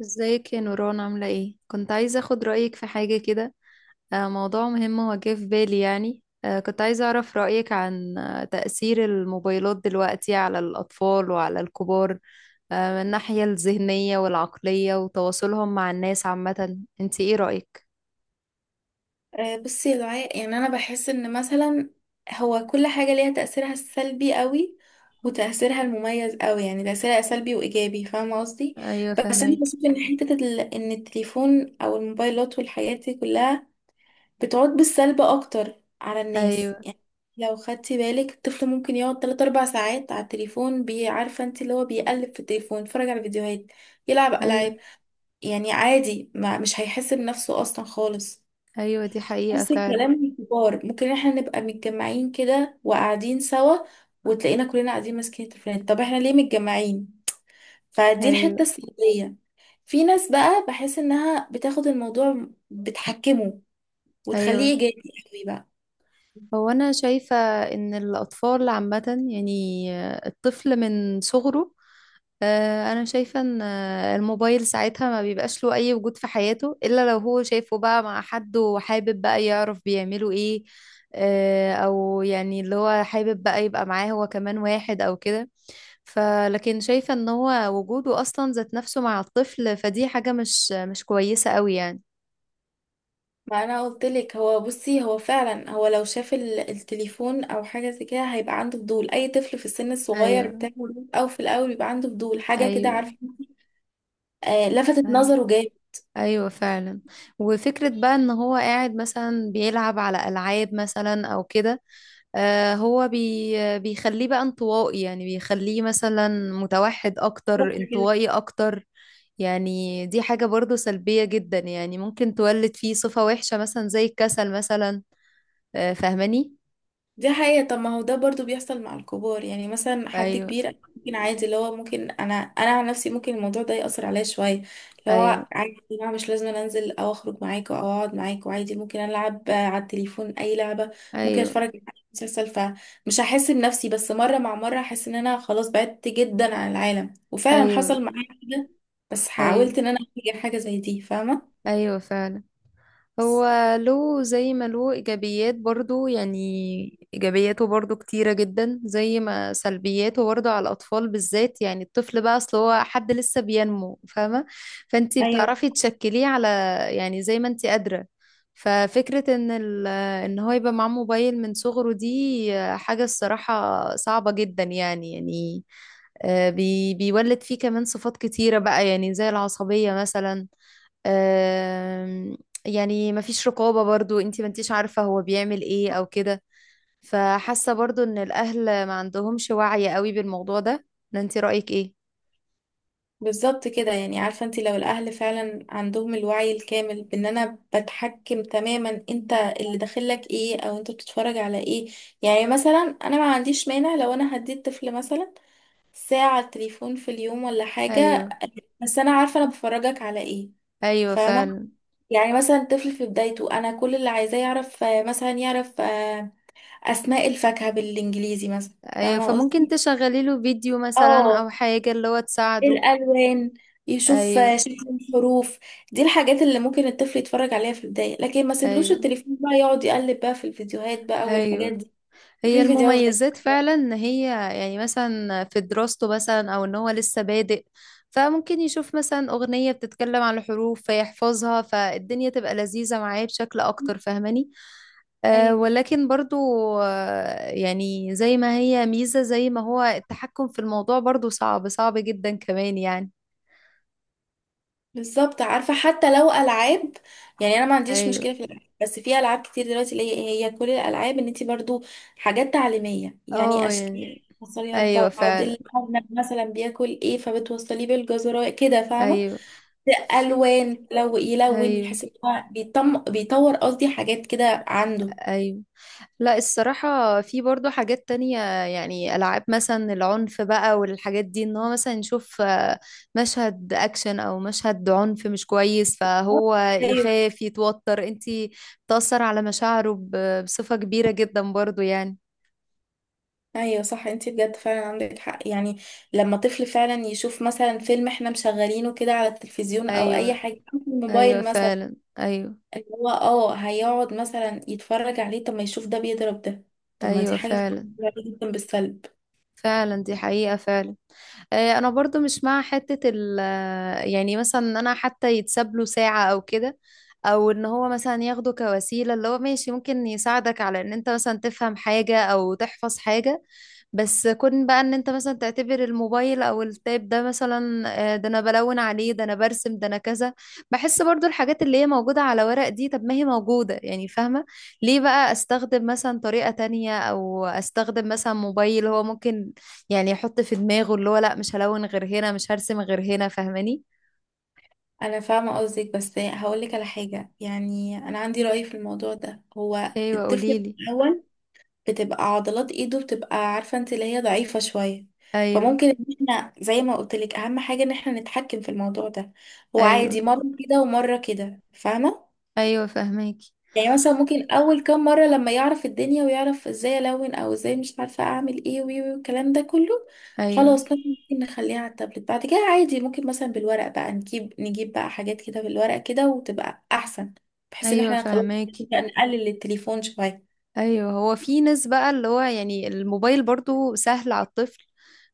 ازيك يا نوران، عاملة ايه؟ كنت عايزة اخد رأيك في حاجة كده. موضوع مهم هو جه في بالي، يعني كنت عايزة اعرف رأيك عن تأثير الموبايلات دلوقتي على الأطفال وعلى الكبار، من الناحية الذهنية والعقلية وتواصلهم مع الناس عامة. انت ايه رأيك؟ بصي يا دعاء، يعني انا بحس ان مثلا هو كل حاجه ليها تاثيرها السلبي قوي وتاثيرها المميز قوي. يعني تاثيرها سلبي وايجابي، فاهمه قصدي. ايوه، بس انا فهمك. بشوف ان ان التليفون او الموبايلات والحاجات دي كلها بتعود بالسلب اكتر على الناس. ايوه، يعني لو خدتي بالك، الطفل ممكن يقعد 3 4 ساعات على التليفون، عارفه انت، اللي هو بيقلب في التليفون، يتفرج على فيديوهات، يلعب ايوه، العاب. يعني عادي، ما مش هيحس بنفسه اصلا خالص. ايوه، دي حقيقة نفس فعلا. الكلام للكبار، ممكن احنا نبقى متجمعين كده وقاعدين سوا، وتلاقينا كلنا قاعدين ماسكين التليفونات. طب احنا ليه متجمعين؟ فدي ايوه، الحتة السلبية. في ناس بقى بحس انها بتاخد الموضوع بتحكمه وتخليه ايوه، ايجابي قوي بقى. هو انا شايفة ان الاطفال عامة، يعني الطفل من صغره، انا شايفه ان الموبايل ساعتها ما بيبقاش له اي وجود في حياته، الا لو هو شايفه بقى مع حد وحابب بقى يعرف بيعملوا ايه، او يعني اللي هو حابب بقى يبقى معاه هو كمان واحد او كده. فلكن شايفه ان هو وجوده اصلا ذات نفسه مع الطفل، فدي حاجه مش كويسه قوي يعني. ما انا قلت لك، هو بصي، هو فعلا هو لو شاف التليفون او حاجه زي كده هيبقى عنده فضول. اي طفل في السن الصغير ايوه، بتاعه ده، او في الاول بيبقى عنده فضول حاجه كده، ايوه، عارفه؟ آه، لفتت ايوه، نظره ايوه فعلا. وفكره بقى ان هو قاعد مثلا بيلعب على العاب مثلا او كده. هو بيخليه بقى انطوائي، يعني بيخليه مثلا متوحد جامد. اكتر، انطوائي اكتر. يعني دي حاجة برضو سلبية جدا، يعني ممكن تولد فيه صفة وحشة مثلا زي الكسل مثلا. فاهماني؟ دي حقيقة. طب ما هو ده برضو بيحصل مع الكبار. يعني مثلا حد ايوه، كبير، أنا ممكن عادي، اللي هو ممكن انا عن نفسي ممكن الموضوع ده يأثر عليا شوية. اللي ايوه، هو عادي يا جماعة، مش لازم أنا انزل او اخرج معاكوا او اقعد معاكوا، عادي ممكن العب على التليفون اي لعبة، ممكن ايوه، اتفرج على مسلسل، فمش هحس بنفسي. بس مرة مع مرة هحس ان انا خلاص بعدت جدا عن العالم، وفعلا ايوه، حصل معايا كده، بس ايوه، حاولت ان انا اغير حاجة زي دي، فاهمة؟ ايوه فعلا. هو له زي ما له إيجابيات برضو، يعني إيجابياته برضو كتيرة جدا زي ما سلبياته، برضو على الأطفال بالذات. يعني الطفل بقى، أصل هو حد لسه بينمو، فاهمة؟ فأنتي ايوه، بتعرفي تشكليه على، يعني زي ما أنتي قادرة. ففكرة إن هو يبقى معاه موبايل من صغره، دي حاجة الصراحة صعبة جدا يعني. بيولد فيه كمان صفات كتيرة بقى، يعني زي العصبية مثلا. آم، يعني مفيش رقابة برضو، انتي ما انتيش عارفة هو بيعمل ايه او كده. فحاسة برضو ان الاهل ما عندهمش وعي قوي بالموضوع ده، ولا انتي رأيك ايه؟ بالظبط كده. يعني عارفة انت، لو الأهل فعلا عندهم الوعي الكامل بأن أنا بتحكم تماما انت اللي داخلك ايه أو انت بتتفرج على ايه. يعني مثلا أنا ما عنديش مانع لو أنا هديت طفل مثلا ساعة تليفون في اليوم ولا حاجة، ايوه، بس أنا عارفة أنا بفرجك على ايه، ايوه فاهمة؟ فعلا. يعني مثلا طفل في بدايته، أنا كل اللي عايزاه يعرف، مثلا يعرف أسماء الفاكهة بالإنجليزي مثلا، ايوه، فاهمة فممكن قصدي؟ تشغلي له فيديو مثلا اه، او حاجة اللي هو تساعده. الالوان، يشوف ايوه، شكل الحروف. دي الحاجات اللي ممكن الطفل يتفرج عليها في البدايه، لكن ما سيبلوش ايوه، التليفون بقى يقعد يقلب بقى في الفيديوهات بقى والحاجات ايوه، دي هي وفي فيديوهات غريبه. المميزات فعلا، ان هي يعني مثلا في دراسته، مثلا او ان هو لسه بادئ، فممكن يشوف مثلا اغنية بتتكلم عن الحروف فيحفظها، فالدنيا تبقى لذيذة معاه بشكل اكتر. فاهماني؟ أه، ايوه، ولكن برضو يعني زي ما هي ميزة، زي ما هو التحكم في الموضوع برضو صعب صعب جدا كمان يعني. بالظبط. عارفه، حتى لو العاب، يعني انا ما عنديش ايوه، مشكله في الالعاب، بس في العاب كتير دلوقتي اللي هي إيه، هي كل الالعاب ان انت برضو حاجات تعليميه، يعني اه، اشكال يعني بتوصليها ايوه ببعض، فعلا. الارنب مثلا بياكل ايه فبتوصليه بالجزر كده، فاهمه؟ ايوه. في الوان لو يلون، ايوه، يحس ان هو بيطور قصدي حاجات كده عنده. ايوه، لا، الصراحة في برضو حاجات تانية. يعني ألعاب مثلا، العنف بقى والحاجات دي، إن هو مثلا يشوف مشهد أكشن أو مشهد عنف مش كويس، فهو ايوه يخاف، يتوتر، انتي بتأثر على مشاعره بصفة كبيرة جدا برضو يعني. ايوه، صح، انت بجد فعلا عندك حق. يعني لما طفل فعلا يشوف مثلا فيلم احنا مشغلينه كده على التلفزيون او اي أيوة، حاجه أو في أيوة الموبايل مثلا، فعلا، أيوة. اللي هو اه هيقعد مثلا يتفرج عليه. طب ما يشوف ده بيضرب ده، طب ما أيوة دي حاجه فعلا، فعلا جدا بالسلب. فعلا دي حقيقة فعلا. أنا برضو مش مع حتة ال، يعني مثلا إن أنا حتى يتساب له ساعة أو كده، او ان هو مثلا ياخده كوسيله اللي هو ماشي، ممكن يساعدك على ان انت مثلا تفهم حاجه او تحفظ حاجه. بس كون بقى ان انت مثلا تعتبر الموبايل او التاب ده، مثلا ده انا بلون عليه، ده انا برسم، ده انا كذا. بحس برضو الحاجات اللي هي موجوده على ورق دي، طب ما هي موجوده يعني، فاهمه؟ ليه بقى استخدم مثلا طريقه تانية، او استخدم مثلا موبايل؟ هو ممكن يعني يحط في دماغه اللي هو لا، مش هلون غير هنا، مش هرسم غير هنا، فاهماني؟ انا فاهمه قصدك، بس هقول لك على حاجه، يعني انا عندي راي في الموضوع ده. هو ايوه، الطفل قوليلي. الاول بتبقى عضلات ايده بتبقى، عارفة انت، اللي هي ضعيفة شوية. ايوه، فممكن ان احنا زي ما قلت لك، اهم حاجة ان احنا نتحكم في الموضوع ده. هو ايوه، عادي مرة كده ومرة كده، فاهمة؟ ايوه فهماكي. يعني مثلا ممكن اول كام مرة لما يعرف الدنيا ويعرف ازاي الون او ازاي مش عارفة اعمل ايه وي وي والكلام ده كله، ايوه، خلاص مثلا ممكن نخليها على التابلت. بعد كده عادي، ممكن مثلا بالورق بقى نجيب بقى حاجات كده بالورق كده، وتبقى احسن، بحيث ان ايوه احنا خلاص فهماكي. نقلل التليفون شوية. ايوه، هو في ناس بقى، اللي هو يعني الموبايل برضو سهل على الطفل،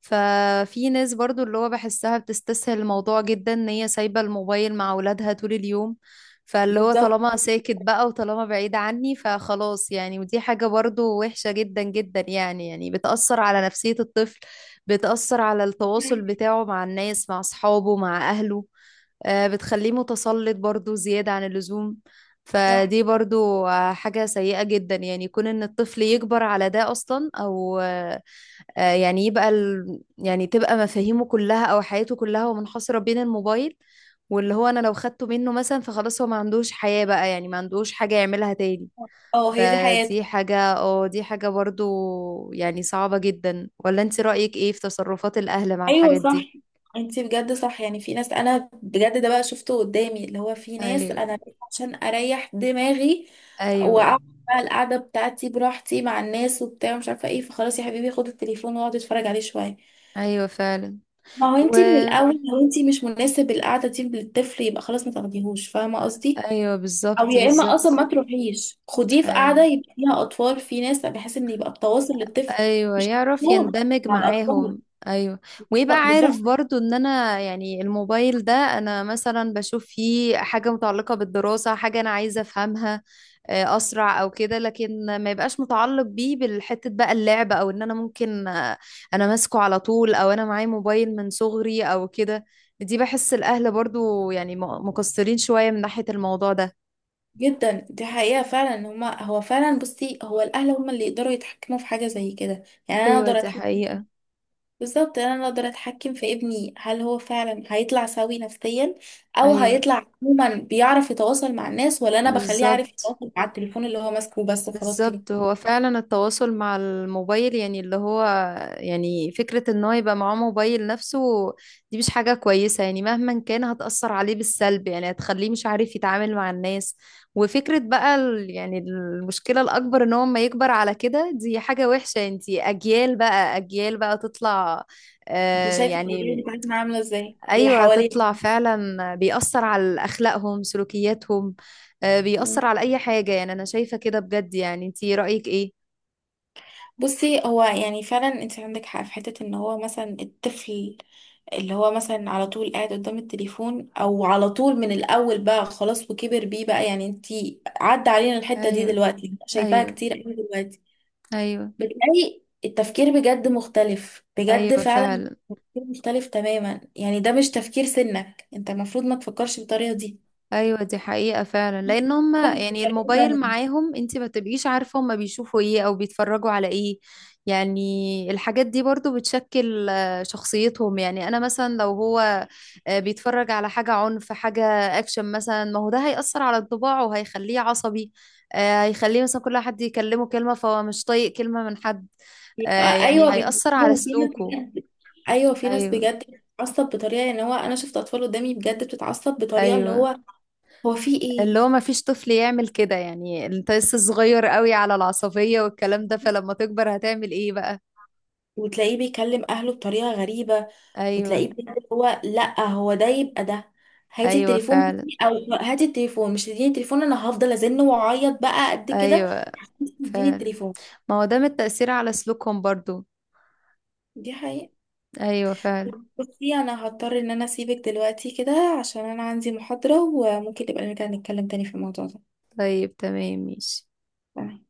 ففي ناس برضو اللي هو بحسها بتستسهل الموضوع جدا، ان هي سايبة الموبايل مع اولادها طول اليوم. فاللي هو بالظبط، طالما ساكت بقى، وطالما بعيد عني، فخلاص يعني. ودي حاجة برضو وحشة جدا جدا يعني بتأثر على نفسية الطفل، بتأثر على التواصل بتاعه مع الناس، مع أصحابه، مع أهله. بتخليه متسلط برضو زيادة عن اللزوم. صح. فدي برضو حاجة سيئة جدا، يعني يكون ان الطفل يكبر على ده اصلا، او يعني يبقى يعني تبقى مفاهيمه كلها او حياته كلها ومنحصرة بين الموبايل. واللي هو انا لو خدته منه مثلا، فخلاص هو ما عندوش حياة بقى، يعني ما عندوش حاجة يعملها تاني. اه، هي دي حياته. فدي حاجة اه دي حاجة برضو يعني صعبة جدا. ولا انت رأيك ايه في تصرفات الاهل مع ايوه، الحاجات دي؟ صح. انتي بجد صح، يعني في ناس انا بجد ده بقى شفته قدامي، اللي هو في ناس ايوه، انا بس عشان اريح دماغي ايوه، واقعد بقى القعده بتاعتي براحتي مع الناس وبتاع مش عارفه ايه، فخلاص يا حبيبي خد التليفون واقعد اتفرج عليه شويه. ايوه فعلا. ما هو و انتي من الاول لو انتي مش مناسب القعده دي للطفل، يبقى خلاص ما تاخديهوش، فاهمه قصدي؟ ايوه، او بالظبط يا اما بالظبط. اصلا ما تروحيش، خديه في قعده ايوه، يبقى فيها اطفال، في ناس، بحيث ان يبقى التواصل للطفل ايوه، مش يعرف مضمون يندمج مع الاطفال. معاهم. ايوه، ويبقى لا، عارف بالظبط، برضو ان انا يعني الموبايل ده، انا مثلا بشوف فيه حاجة متعلقة بالدراسة، حاجة انا عايزة افهمها اسرع او كده، لكن ما يبقاش متعلق بيه بالحتة بقى اللعب، او ان انا ممكن انا ماسكه على طول، او انا معايا موبايل من صغري او كده. دي بحس الاهل برضو يعني مقصرين شوية من ناحية الموضوع ده. جدا. دي حقيقة فعلا، ان هما هو فعلا، بصي هو الأهل هما اللي يقدروا يتحكموا في حاجة زي كده. يعني أنا ايوه أقدر دي أتحكم، حقيقة. بالظبط، أنا أقدر أتحكم في ابني. هل هو فعلا هيطلع سوي نفسيا أو ايوه هيطلع عموما بيعرف يتواصل مع الناس، ولا أنا بخليه عارف بالظبط، يتواصل مع التليفون اللي هو ماسكه بس، خلاص كده. بالظبط. هو فعلا التواصل مع الموبايل، يعني اللي هو، يعني فكرة ان هو يبقى معاه موبايل نفسه، دي مش حاجة كويسة يعني. مهما كان هتأثر عليه بالسلب، يعني هتخليه مش عارف يتعامل مع الناس. وفكرة بقى يعني المشكلة الأكبر ان هو ما يكبر على كده، دي حاجة وحشة. انتي أجيال بقى، أجيال بقى تطلع، انت شايفة الأجيال يعني بتاعتنا عاملة ازاي اللي ايوه، حواليه؟ تطلع فعلا بيأثر على اخلاقهم، سلوكياتهم. بيأثر على اي حاجة يعني، انا شايفة كده بجد يعني، انتي رأيك ايه؟ بصي، هو يعني فعلا انت عندك حق في حتة ان هو مثلا الطفل، اللي هو مثلا على طول قاعد قدام التليفون او على طول من الاول بقى خلاص وكبر بيه بقى، يعني انتي عدى علينا الحتة دي ايوه، دلوقتي شايفاها ايوه، كتير قوي دلوقتي. ايوه، بتلاقي التفكير بجد مختلف بجد ايوه فعلا. فعلا. تفكير مختلف تماما، يعني ده مش تفكير سنك، انت المفروض ما تفكرش بالطريقة دي، ايوه، دي حقيقة فعلا، لان هم فكر يعني بطريقة الموبايل تانية. معاهم، انت ما تبقيش عارفة هم بيشوفوا ايه او بيتفرجوا على ايه. يعني الحاجات دي برضو بتشكل شخصيتهم. يعني انا مثلا لو هو بيتفرج على حاجة عنف، حاجة اكشن مثلا، ما هو ده هيأثر على انطباعه وهيخليه عصبي. هيخليه مثلا كل حد يكلمه كلمة فهو مش طايق كلمة من حد. يبقى ايوه، يعني هيأثر على بيفكروا في ناس سلوكه. بجد. ايوه، في ناس ايوه، بجد بتتعصب بطريقه، ان هو انا شفت اطفال قدامي بجد بتتعصب بطريقه اللي ايوه، هو، هو في اللي ايه؟ هو ما فيش طفل يعمل كده يعني، انت لسه صغير قوي على العصبية والكلام ده، فلما تكبر هتعمل ايه بقى؟ وتلاقيه بيكلم اهله بطريقه غريبه، ايوه، وتلاقيه بجد هو، لا هو ده يبقى ده، هاتي ايوه التليفون بس- فعلا، او هاتي التليفون، مش تديني التليفون انا هفضل ازن واعيط بقى قد كده ايوه عشان تديني فعلا. التليفون. ما هو ده من التأثير على سلوكهم برضو. دي حقيقة. ايوه فعلا. بصي انا هضطر ان انا اسيبك دلوقتي كده، عشان انا عندي محاضرة. وممكن نبقى نرجع نتكلم تاني في الموضوع ده. طيب تمام ماشي. تمام.